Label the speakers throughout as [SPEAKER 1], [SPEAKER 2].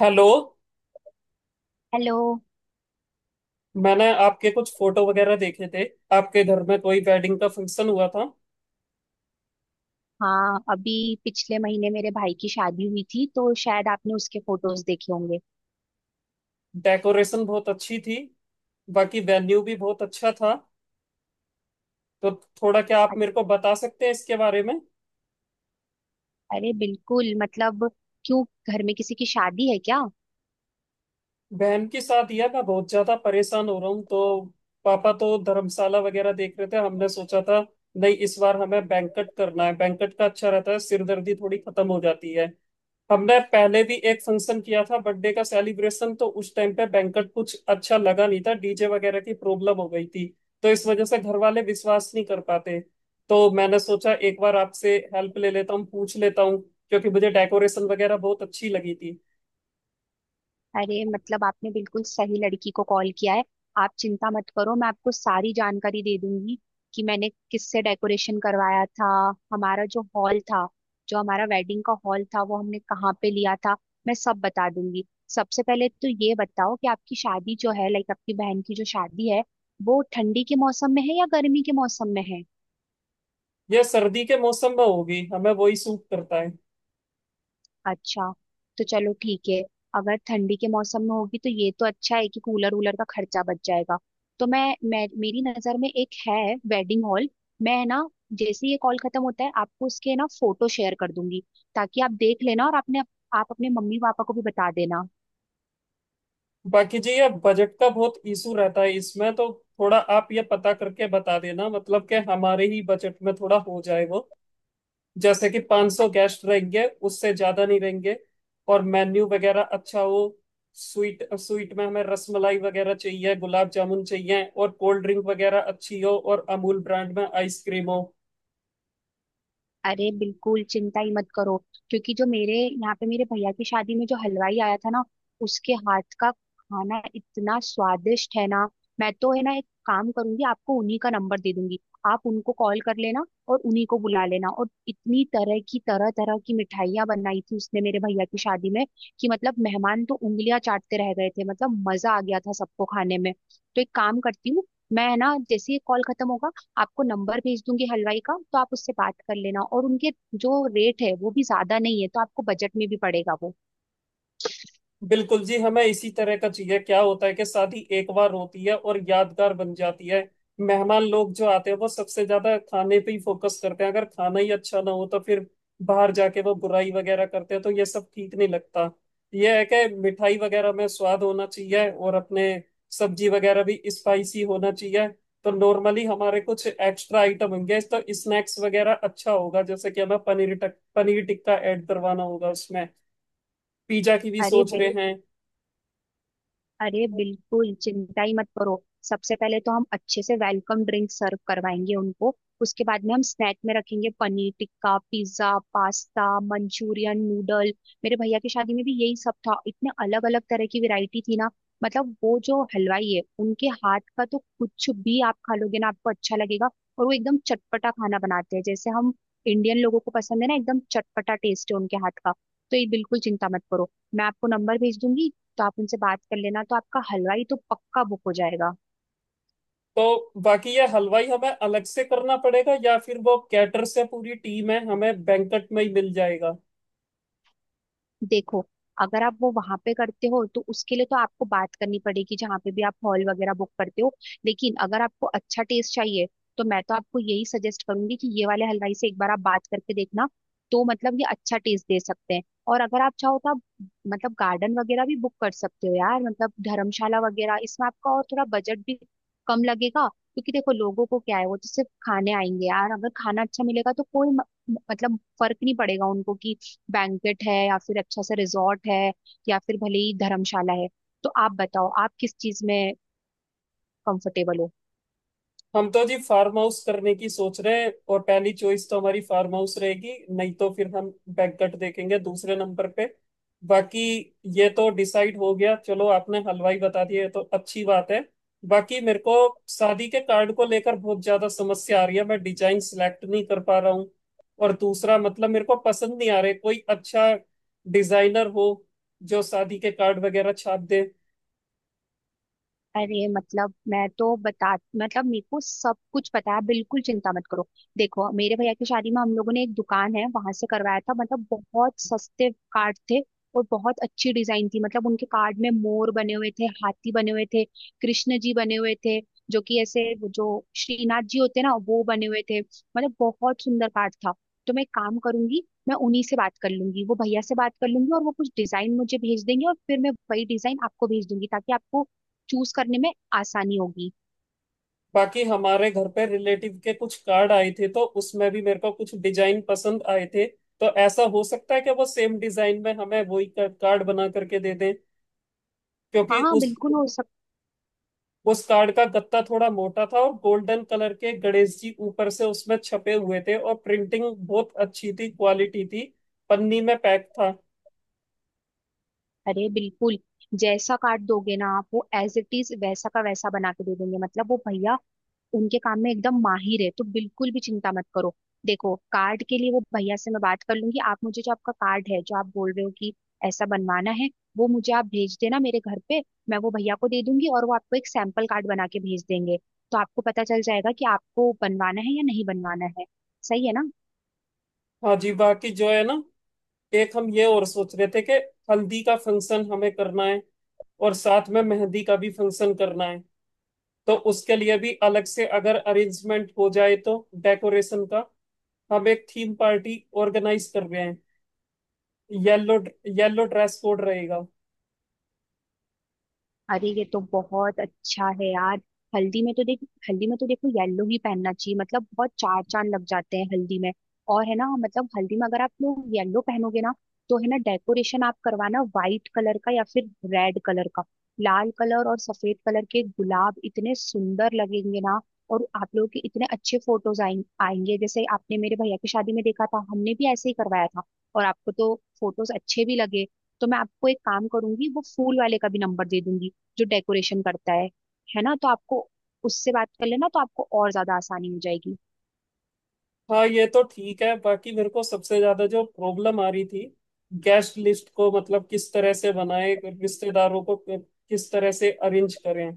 [SPEAKER 1] Hello.
[SPEAKER 2] Hello.
[SPEAKER 1] मैंने आपके कुछ फोटो वगैरह देखे थे। आपके घर में कोई वेडिंग का फंक्शन हुआ था।
[SPEAKER 2] हाँ, अभी पिछले महीने मेरे भाई की शादी हुई थी, तो शायद आपने उसके फोटोज देखे होंगे।
[SPEAKER 1] डेकोरेशन बहुत अच्छी थी। बाकी वेन्यू भी बहुत अच्छा था। तो थोड़ा क्या आप
[SPEAKER 2] अ-
[SPEAKER 1] मेरे को बता सकते हैं इसके बारे में।
[SPEAKER 2] अरे बिल्कुल, मतलब क्यों, घर में किसी की शादी है क्या?
[SPEAKER 1] बहन की शादी है। मैं बहुत ज्यादा परेशान हो रहा हूँ। तो पापा तो धर्मशाला वगैरह देख रहे थे। हमने सोचा था नहीं, इस बार हमें बैंकट करना है। बैंकट का अच्छा रहता है, सिरदर्दी थोड़ी खत्म हो जाती है। हमने पहले भी एक फंक्शन किया था बर्थडे का सेलिब्रेशन, तो उस टाइम पे बैंकट कुछ अच्छा लगा नहीं था, डीजे वगैरह की प्रॉब्लम हो गई थी। तो इस वजह से घर वाले विश्वास नहीं कर पाते। तो मैंने सोचा एक बार आपसे हेल्प ले लेता हूँ, पूछ लेता हूँ, क्योंकि मुझे डेकोरेशन वगैरह बहुत अच्छी लगी थी।
[SPEAKER 2] अरे मतलब आपने बिल्कुल सही लड़की को कॉल किया है। आप चिंता मत करो, मैं आपको सारी जानकारी दे दूंगी कि मैंने किससे डेकोरेशन करवाया था। हमारा जो हॉल था, जो हमारा वेडिंग का हॉल था, वो हमने कहाँ पे लिया था, मैं सब बता दूंगी। सबसे पहले तो ये बताओ कि आपकी शादी जो है, लाइक आपकी बहन की जो शादी है, वो ठंडी के मौसम में है या गर्मी के मौसम में है?
[SPEAKER 1] यह सर्दी के मौसम में होगी, हमें वही सूट करता है।
[SPEAKER 2] अच्छा, तो चलो ठीक है। अगर ठंडी के मौसम में होगी तो ये तो अच्छा है कि कूलर वूलर का खर्चा बच जाएगा। तो मैं मेरी नज़र में एक है वेडिंग हॉल। मैं ना जैसे ही ये कॉल खत्म होता है आपको उसके ना फोटो शेयर कर दूंगी, ताकि आप देख लेना और आपने आप अपने मम्मी पापा को भी बता देना।
[SPEAKER 1] बाकी जी, यह बजट का बहुत इशू रहता है इसमें। तो थोड़ा आप ये पता करके बता देना, मतलब कि हमारे ही बजट में थोड़ा हो जाए वो। जैसे कि 500 गेस्ट रहेंगे, उससे ज्यादा नहीं रहेंगे। और मेन्यू वगैरह अच्छा हो। स्वीट स्वीट में हमें रसमलाई वगैरह चाहिए, गुलाब जामुन चाहिए, और कोल्ड ड्रिंक वगैरह अच्छी हो, और अमूल ब्रांड में आइसक्रीम हो।
[SPEAKER 2] अरे बिल्कुल चिंता ही मत करो, क्योंकि जो मेरे यहाँ पे मेरे भैया की शादी में जो हलवाई आया था ना, उसके हाथ का खाना इतना स्वादिष्ट है ना, मैं तो है ना एक काम करूंगी, आपको उन्हीं का नंबर दे दूंगी। आप उनको कॉल कर लेना और उन्हीं को बुला लेना। और इतनी तरह तरह की मिठाइयाँ बनाई थी उसने मेरे भैया की शादी में, कि मतलब मेहमान तो उंगलियां चाटते रह गए थे, मतलब मजा आ गया था सबको खाने में। तो एक काम करती हूँ, मैं है ना जैसे ही कॉल खत्म होगा, आपको नंबर भेज दूंगी हलवाई का। तो आप उससे बात कर लेना, और उनके जो रेट है वो भी ज्यादा नहीं है, तो आपको बजट में भी पड़ेगा वो।
[SPEAKER 1] बिल्कुल जी, हमें इसी तरह का चाहिए। क्या होता है कि शादी एक बार होती है और यादगार बन जाती है। मेहमान लोग जो आते हैं वो सबसे ज्यादा खाने पे ही फोकस करते हैं। अगर खाना ही अच्छा ना हो तो फिर बाहर जाके वो बुराई वगैरह करते हैं, तो ये सब ठीक नहीं लगता। ये है कि मिठाई वगैरह में स्वाद होना चाहिए और अपने सब्जी वगैरह भी स्पाइसी होना चाहिए। तो नॉर्मली हमारे कुछ एक्स्ट्रा आइटम होंगे तो स्नैक्स वगैरह अच्छा होगा, जैसे कि हमें पनीर टिक्का ऐड करवाना होगा उसमें। पिज्जा की भी
[SPEAKER 2] अरे
[SPEAKER 1] सोच रहे हैं।
[SPEAKER 2] अरे बिल्कुल चिंता ही मत करो। सबसे पहले तो हम अच्छे से वेलकम ड्रिंक सर्व करवाएंगे उनको। उसके बाद में हम स्नैक में रखेंगे paneer tikka, pizza, pasta, Manchurian, noodle. मेरे भैया की शादी में भी यही सब था, इतने अलग अलग तरह की वैरायटी थी ना। मतलब वो जो हलवाई है उनके हाथ का तो कुछ भी आप खा लोगे ना, आपको अच्छा लगेगा। और वो एकदम चटपटा खाना बनाते हैं, जैसे हम इंडियन लोगों को पसंद है ना, एकदम चटपटा टेस्ट है उनके हाथ का। तो ये बिल्कुल चिंता मत करो, मैं आपको नंबर भेज दूंगी, तो आप उनसे बात कर लेना, तो आपका हलवाई तो पक्का बुक हो जाएगा।
[SPEAKER 1] तो बाकी ये हलवाई हमें अलग से करना पड़ेगा या फिर वो कैटर से पूरी टीम है, हमें बैंकट में ही मिल जाएगा।
[SPEAKER 2] देखो, अगर आप वो वहां पे करते हो तो उसके लिए तो आपको बात करनी पड़ेगी जहाँ पे भी आप हॉल वगैरह बुक करते हो। लेकिन अगर आपको अच्छा टेस्ट चाहिए, तो मैं तो आपको यही सजेस्ट करूंगी कि ये वाले हलवाई से एक बार आप बात करके देखना। तो मतलब ये अच्छा टेस्ट दे सकते हैं। और अगर आप चाहो तो आप, मतलब गार्डन वगैरह भी बुक कर सकते हो यार, मतलब धर्मशाला वगैरह, इसमें आपका और थोड़ा बजट भी कम लगेगा। क्योंकि देखो लोगों को क्या है, वो तो सिर्फ खाने आएंगे यार, अगर खाना अच्छा मिलेगा तो कोई मतलब फर्क नहीं पड़ेगा उनको कि बैंकेट है या फिर अच्छा सा रिजॉर्ट है या फिर भले ही धर्मशाला है। तो आप बताओ आप किस चीज में कंफर्टेबल हो।
[SPEAKER 1] हम तो जी फार्म हाउस करने की सोच रहे हैं, और पहली चॉइस तो हमारी फार्म हाउस रहेगी, नहीं तो फिर हम बैकगट देखेंगे दूसरे नंबर पे। बाकी ये तो डिसाइड हो गया, चलो आपने हलवाई बता दिया, ये तो अच्छी बात है। बाकी मेरे को शादी के कार्ड को लेकर बहुत ज्यादा समस्या आ रही है, मैं डिजाइन सिलेक्ट नहीं कर पा रहा हूँ। और दूसरा मतलब मेरे को पसंद नहीं आ रहे। कोई अच्छा डिजाइनर हो जो शादी के कार्ड वगैरह छाप दे।
[SPEAKER 2] अरे मतलब मैं तो बता मतलब मेरे को सब कुछ पता है, बिल्कुल चिंता मत करो। देखो मेरे भैया की शादी में हम लोगों ने एक दुकान है वहां से करवाया था, मतलब बहुत सस्ते कार्ड थे और बहुत अच्छी डिजाइन थी। मतलब उनके कार्ड में मोर बने हुए थे, हाथी बने हुए थे, कृष्ण जी बने हुए थे, जो कि ऐसे वो जो श्रीनाथ जी होते हैं ना, वो बने हुए थे, मतलब बहुत सुंदर कार्ड था। तो मैं एक काम करूंगी, मैं उन्हीं से बात कर लूंगी, वो भैया से बात कर लूंगी, और वो कुछ डिजाइन मुझे भेज देंगे, और फिर मैं वही डिजाइन आपको भेज दूंगी ताकि आपको चूज करने में आसानी होगी।
[SPEAKER 1] बाकी हमारे घर पे रिलेटिव के कुछ कार्ड आए थे, तो उसमें भी मेरे को कुछ डिजाइन पसंद आए थे। तो ऐसा हो सकता है कि वो सेम डिजाइन में हमें वही कार्ड बना करके दे दें। क्योंकि
[SPEAKER 2] हाँ
[SPEAKER 1] उस
[SPEAKER 2] बिल्कुल हो सकता।
[SPEAKER 1] उस कार्ड का गत्ता थोड़ा मोटा था, और गोल्डन कलर के गणेश जी ऊपर से उसमें छपे हुए थे, और प्रिंटिंग बहुत अच्छी थी, क्वालिटी थी। पन्नी में पैक था।
[SPEAKER 2] अरे बिल्कुल, जैसा काट दोगे ना आप, वो एज इट इज वैसा का वैसा बना के दे देंगे। मतलब वो भैया उनके काम में एकदम माहिर है, तो बिल्कुल भी चिंता मत करो। देखो कार्ड के लिए वो भैया से मैं बात कर लूंगी। आप मुझे जो आपका कार्ड है, जो आप बोल रहे हो कि ऐसा बनवाना है, वो मुझे आप भेज देना मेरे घर पे। मैं वो भैया को दे दूंगी और वो आपको एक सैंपल कार्ड बना के भेज देंगे। तो आपको पता चल जाएगा कि आपको बनवाना है या नहीं बनवाना है। सही है ना?
[SPEAKER 1] हाँ जी। बाकी जो है ना, एक हम ये और सोच रहे थे कि हल्दी का फंक्शन हमें करना है, और साथ में मेहंदी का भी फंक्शन करना है। तो उसके लिए भी अलग से अगर अरेंजमेंट हो जाए, तो डेकोरेशन का हम एक थीम पार्टी ऑर्गेनाइज कर रहे हैं। येलो। येलो ड्रेस कोड रहेगा।
[SPEAKER 2] अरे ये तो बहुत अच्छा है यार। हल्दी में तो देख हल्दी में तो देखो, येलो ही पहनना चाहिए, मतलब बहुत चार चांद लग जाते हैं हल्दी में। और है ना मतलब हल्दी में अगर आप लोग येलो पहनोगे ना, तो है ना डेकोरेशन आप करवाना व्हाइट कलर का या फिर रेड कलर का। लाल कलर और सफेद कलर के गुलाब इतने सुंदर लगेंगे ना, और आप लोगों के इतने अच्छे आएंगे, जैसे आपने मेरे भैया की शादी में देखा था, हमने भी ऐसे ही करवाया था, और आपको तो फोटोज अच्छे भी लगे। तो मैं आपको एक काम करूंगी, वो फूल वाले का भी नंबर दे दूंगी जो डेकोरेशन करता है ना। तो आपको उससे बात कर लेना, तो आपको और ज्यादा आसानी हो जाएगी।
[SPEAKER 1] हाँ ये तो ठीक है। बाकी मेरे को सबसे ज्यादा जो प्रॉब्लम आ रही थी, गेस्ट लिस्ट को मतलब किस तरह से बनाए, रिश्तेदारों को किस तरह से अरेंज करें,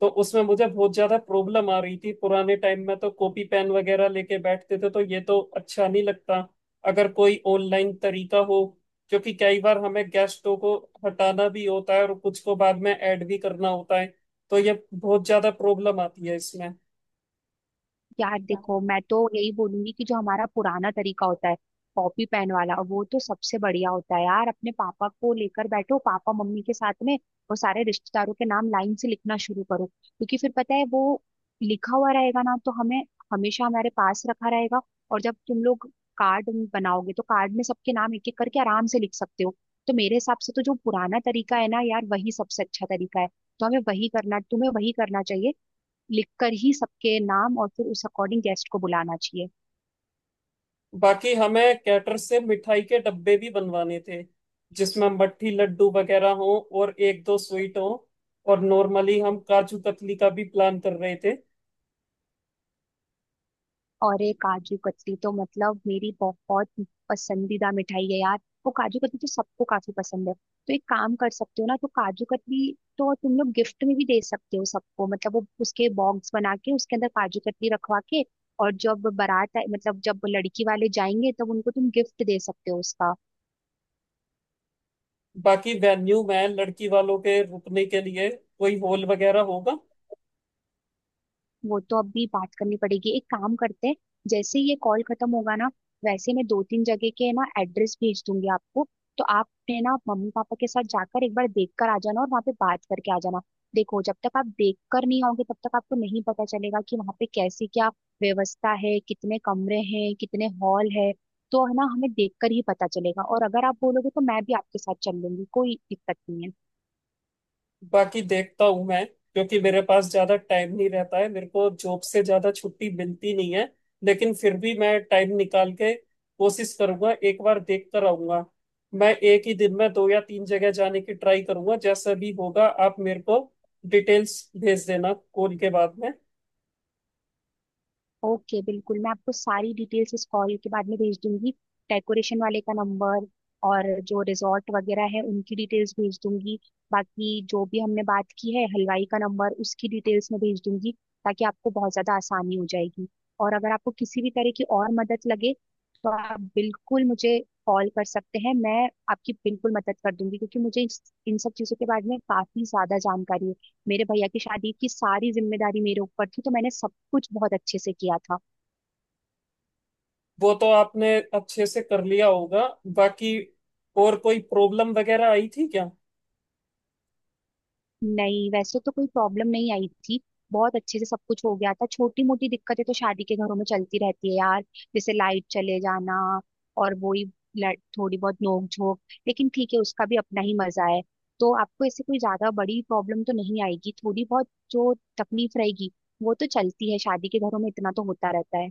[SPEAKER 1] तो उसमें मुझे बहुत ज्यादा प्रॉब्लम आ रही थी। पुराने टाइम में तो कॉपी पेन वगैरह लेके बैठते थे, तो ये तो अच्छा नहीं लगता। अगर कोई ऑनलाइन तरीका हो, क्योंकि कई बार हमें गेस्टों को हटाना भी होता है और कुछ को बाद में ऐड भी करना होता है। तो ये बहुत ज्यादा प्रॉब्लम आती है इसमें।
[SPEAKER 2] यार देखो मैं तो यही बोलूंगी कि जो हमारा पुराना तरीका होता है, कॉपी पेन वाला, वो तो सबसे बढ़िया होता है यार। अपने पापा को लेकर बैठो, पापा मम्मी के साथ में, और सारे रिश्तेदारों के नाम लाइन से लिखना शुरू करो। क्योंकि फिर पता है वो लिखा हुआ रहेगा ना, तो हमें हमेशा हमारे पास रखा रहेगा। और जब तुम लोग कार्ड बनाओगे, तो कार्ड में सबके नाम एक एक करके आराम से लिख सकते हो। तो मेरे हिसाब से तो जो पुराना तरीका है ना यार, वही सबसे अच्छा तरीका है। तो हमें वही करना तुम्हें वही करना चाहिए, लिखकर ही सबके नाम, और फिर उस अकॉर्डिंग गेस्ट को बुलाना चाहिए।
[SPEAKER 1] बाकी हमें कैटर से मिठाई के डब्बे भी बनवाने थे, जिसमें मट्ठी लड्डू वगैरह हो और एक दो स्वीट हो, और नॉर्मली हम काजू कतली का भी प्लान कर रहे थे।
[SPEAKER 2] और एक, काजू कतली तो मतलब मेरी बहुत पसंदीदा मिठाई है यार, वो काजू कतली तो सबको काफी पसंद है। तो एक काम कर सकते हो ना, तो काजू कतली तो तुम लोग गिफ्ट में भी दे सकते हो सबको, मतलब वो उसके बॉक्स बना के उसके अंदर काजू कतली रखवा के। और जब मतलब जब लड़की वाले जाएंगे तब उनको तुम गिफ्ट दे सकते हो उसका।
[SPEAKER 1] बाकी वेन्यू में लड़की वालों के रुकने के लिए कोई हॉल वगैरह होगा?
[SPEAKER 2] वो तो अभी बात करनी पड़ेगी, एक काम करते हैं, जैसे ही ये कॉल खत्म होगा ना, वैसे मैं दो तीन जगह के ना एड्रेस भेज दूंगी आपको। तो आप है ना मम्मी पापा के साथ जाकर एक बार देख कर आ जाना और वहाँ पे बात करके आ जाना। देखो जब तक आप देख कर नहीं आओगे, तब तक आपको नहीं पता चलेगा कि वहाँ पे कैसी क्या व्यवस्था है, कितने कमरे हैं, कितने हॉल है। तो है ना हमें देख कर ही पता चलेगा। और अगर आप बोलोगे तो मैं भी आपके साथ चल लूंगी, कोई दिक्कत नहीं है।
[SPEAKER 1] बाकी देखता हूँ मैं, क्योंकि मेरे पास ज्यादा टाइम नहीं रहता है, मेरे को जॉब से ज्यादा छुट्टी मिलती नहीं है। लेकिन फिर भी मैं टाइम निकाल के कोशिश करूंगा, एक बार देख कर आऊंगा। मैं एक ही दिन में दो या तीन जगह जाने की ट्राई करूंगा। जैसा भी होगा आप मेरे को डिटेल्स भेज देना कॉल के बाद में।
[SPEAKER 2] ओके, बिल्कुल मैं आपको सारी डिटेल्स इस कॉल के बाद में भेज दूंगी। डेकोरेशन वाले का नंबर, और जो रिजॉर्ट वगैरह है उनकी डिटेल्स भेज दूंगी। बाकी जो भी हमने बात की है, हलवाई का नंबर, उसकी डिटेल्स मैं भेज दूंगी, ताकि आपको बहुत ज़्यादा आसानी हो जाएगी। और अगर आपको किसी भी तरह की और मदद लगे, तो आप बिल्कुल मुझे कॉल कर सकते हैं। मैं आपकी बिल्कुल मदद कर दूंगी, क्योंकि मुझे इन सब चीज़ों के बारे में काफ़ी ज़्यादा जानकारी है। मेरे भैया की शादी की सारी जिम्मेदारी मेरे ऊपर थी, तो मैंने सब कुछ बहुत अच्छे से किया था।
[SPEAKER 1] वो तो आपने अच्छे से कर लिया होगा। बाकी और कोई प्रॉब्लम वगैरह आई थी क्या?
[SPEAKER 2] नहीं, वैसे तो कोई प्रॉब्लम नहीं आई थी, बहुत अच्छे से सब कुछ हो गया था। छोटी मोटी दिक्कतें तो शादी के घरों में चलती रहती है यार, जैसे लाइट चले जाना, और वही थोड़ी बहुत नोक झोंक। लेकिन ठीक है, उसका भी अपना ही मजा है। तो आपको ऐसे कोई ज्यादा बड़ी प्रॉब्लम तो नहीं आएगी, थोड़ी बहुत जो तकलीफ रहेगी वो तो चलती है शादी के घरों में, इतना तो होता रहता है।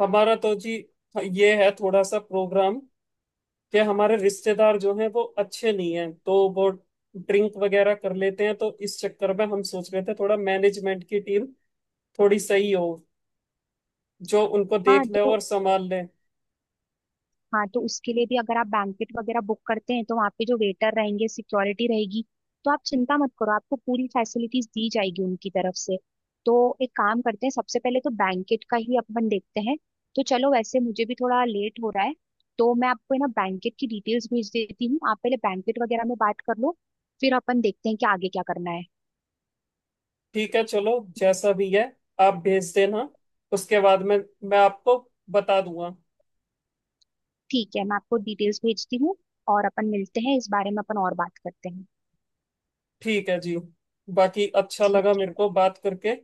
[SPEAKER 1] हमारा तो जी ये है थोड़ा सा प्रोग्राम कि हमारे रिश्तेदार जो हैं वो अच्छे नहीं हैं, तो वो ड्रिंक वगैरह कर लेते हैं। तो इस चक्कर में हम सोच रहे थे थोड़ा मैनेजमेंट की टीम थोड़ी सही हो, जो उनको
[SPEAKER 2] हाँ
[SPEAKER 1] देख ले
[SPEAKER 2] तो
[SPEAKER 1] और संभाल ले।
[SPEAKER 2] हाँ तो उसके लिए भी अगर आप बैंकेट वगैरह बुक करते हैं, तो वहाँ पे जो वेटर रहेंगे, सिक्योरिटी रहेगी, तो आप चिंता मत करो, आपको पूरी फैसिलिटीज दी जाएगी उनकी तरफ से। तो एक काम करते हैं, सबसे पहले तो बैंकेट का ही अपन देखते हैं। तो चलो, वैसे मुझे भी थोड़ा लेट हो रहा है। तो मैं आपको है ना बैंकेट की डिटेल्स भेज देती हूँ, आप पहले बैंकेट वगैरह में बात कर लो, फिर अपन देखते हैं कि आगे क्या करना है।
[SPEAKER 1] ठीक है, चलो, जैसा भी है आप भेज देना, उसके बाद में मैं आपको बता दूंगा।
[SPEAKER 2] ठीक है, मैं आपको डिटेल्स भेजती हूँ, और अपन मिलते हैं, इस बारे में अपन और बात करते हैं।
[SPEAKER 1] ठीक है जी। बाकी अच्छा लगा
[SPEAKER 2] ठीक
[SPEAKER 1] मेरे को
[SPEAKER 2] है।
[SPEAKER 1] बात करके।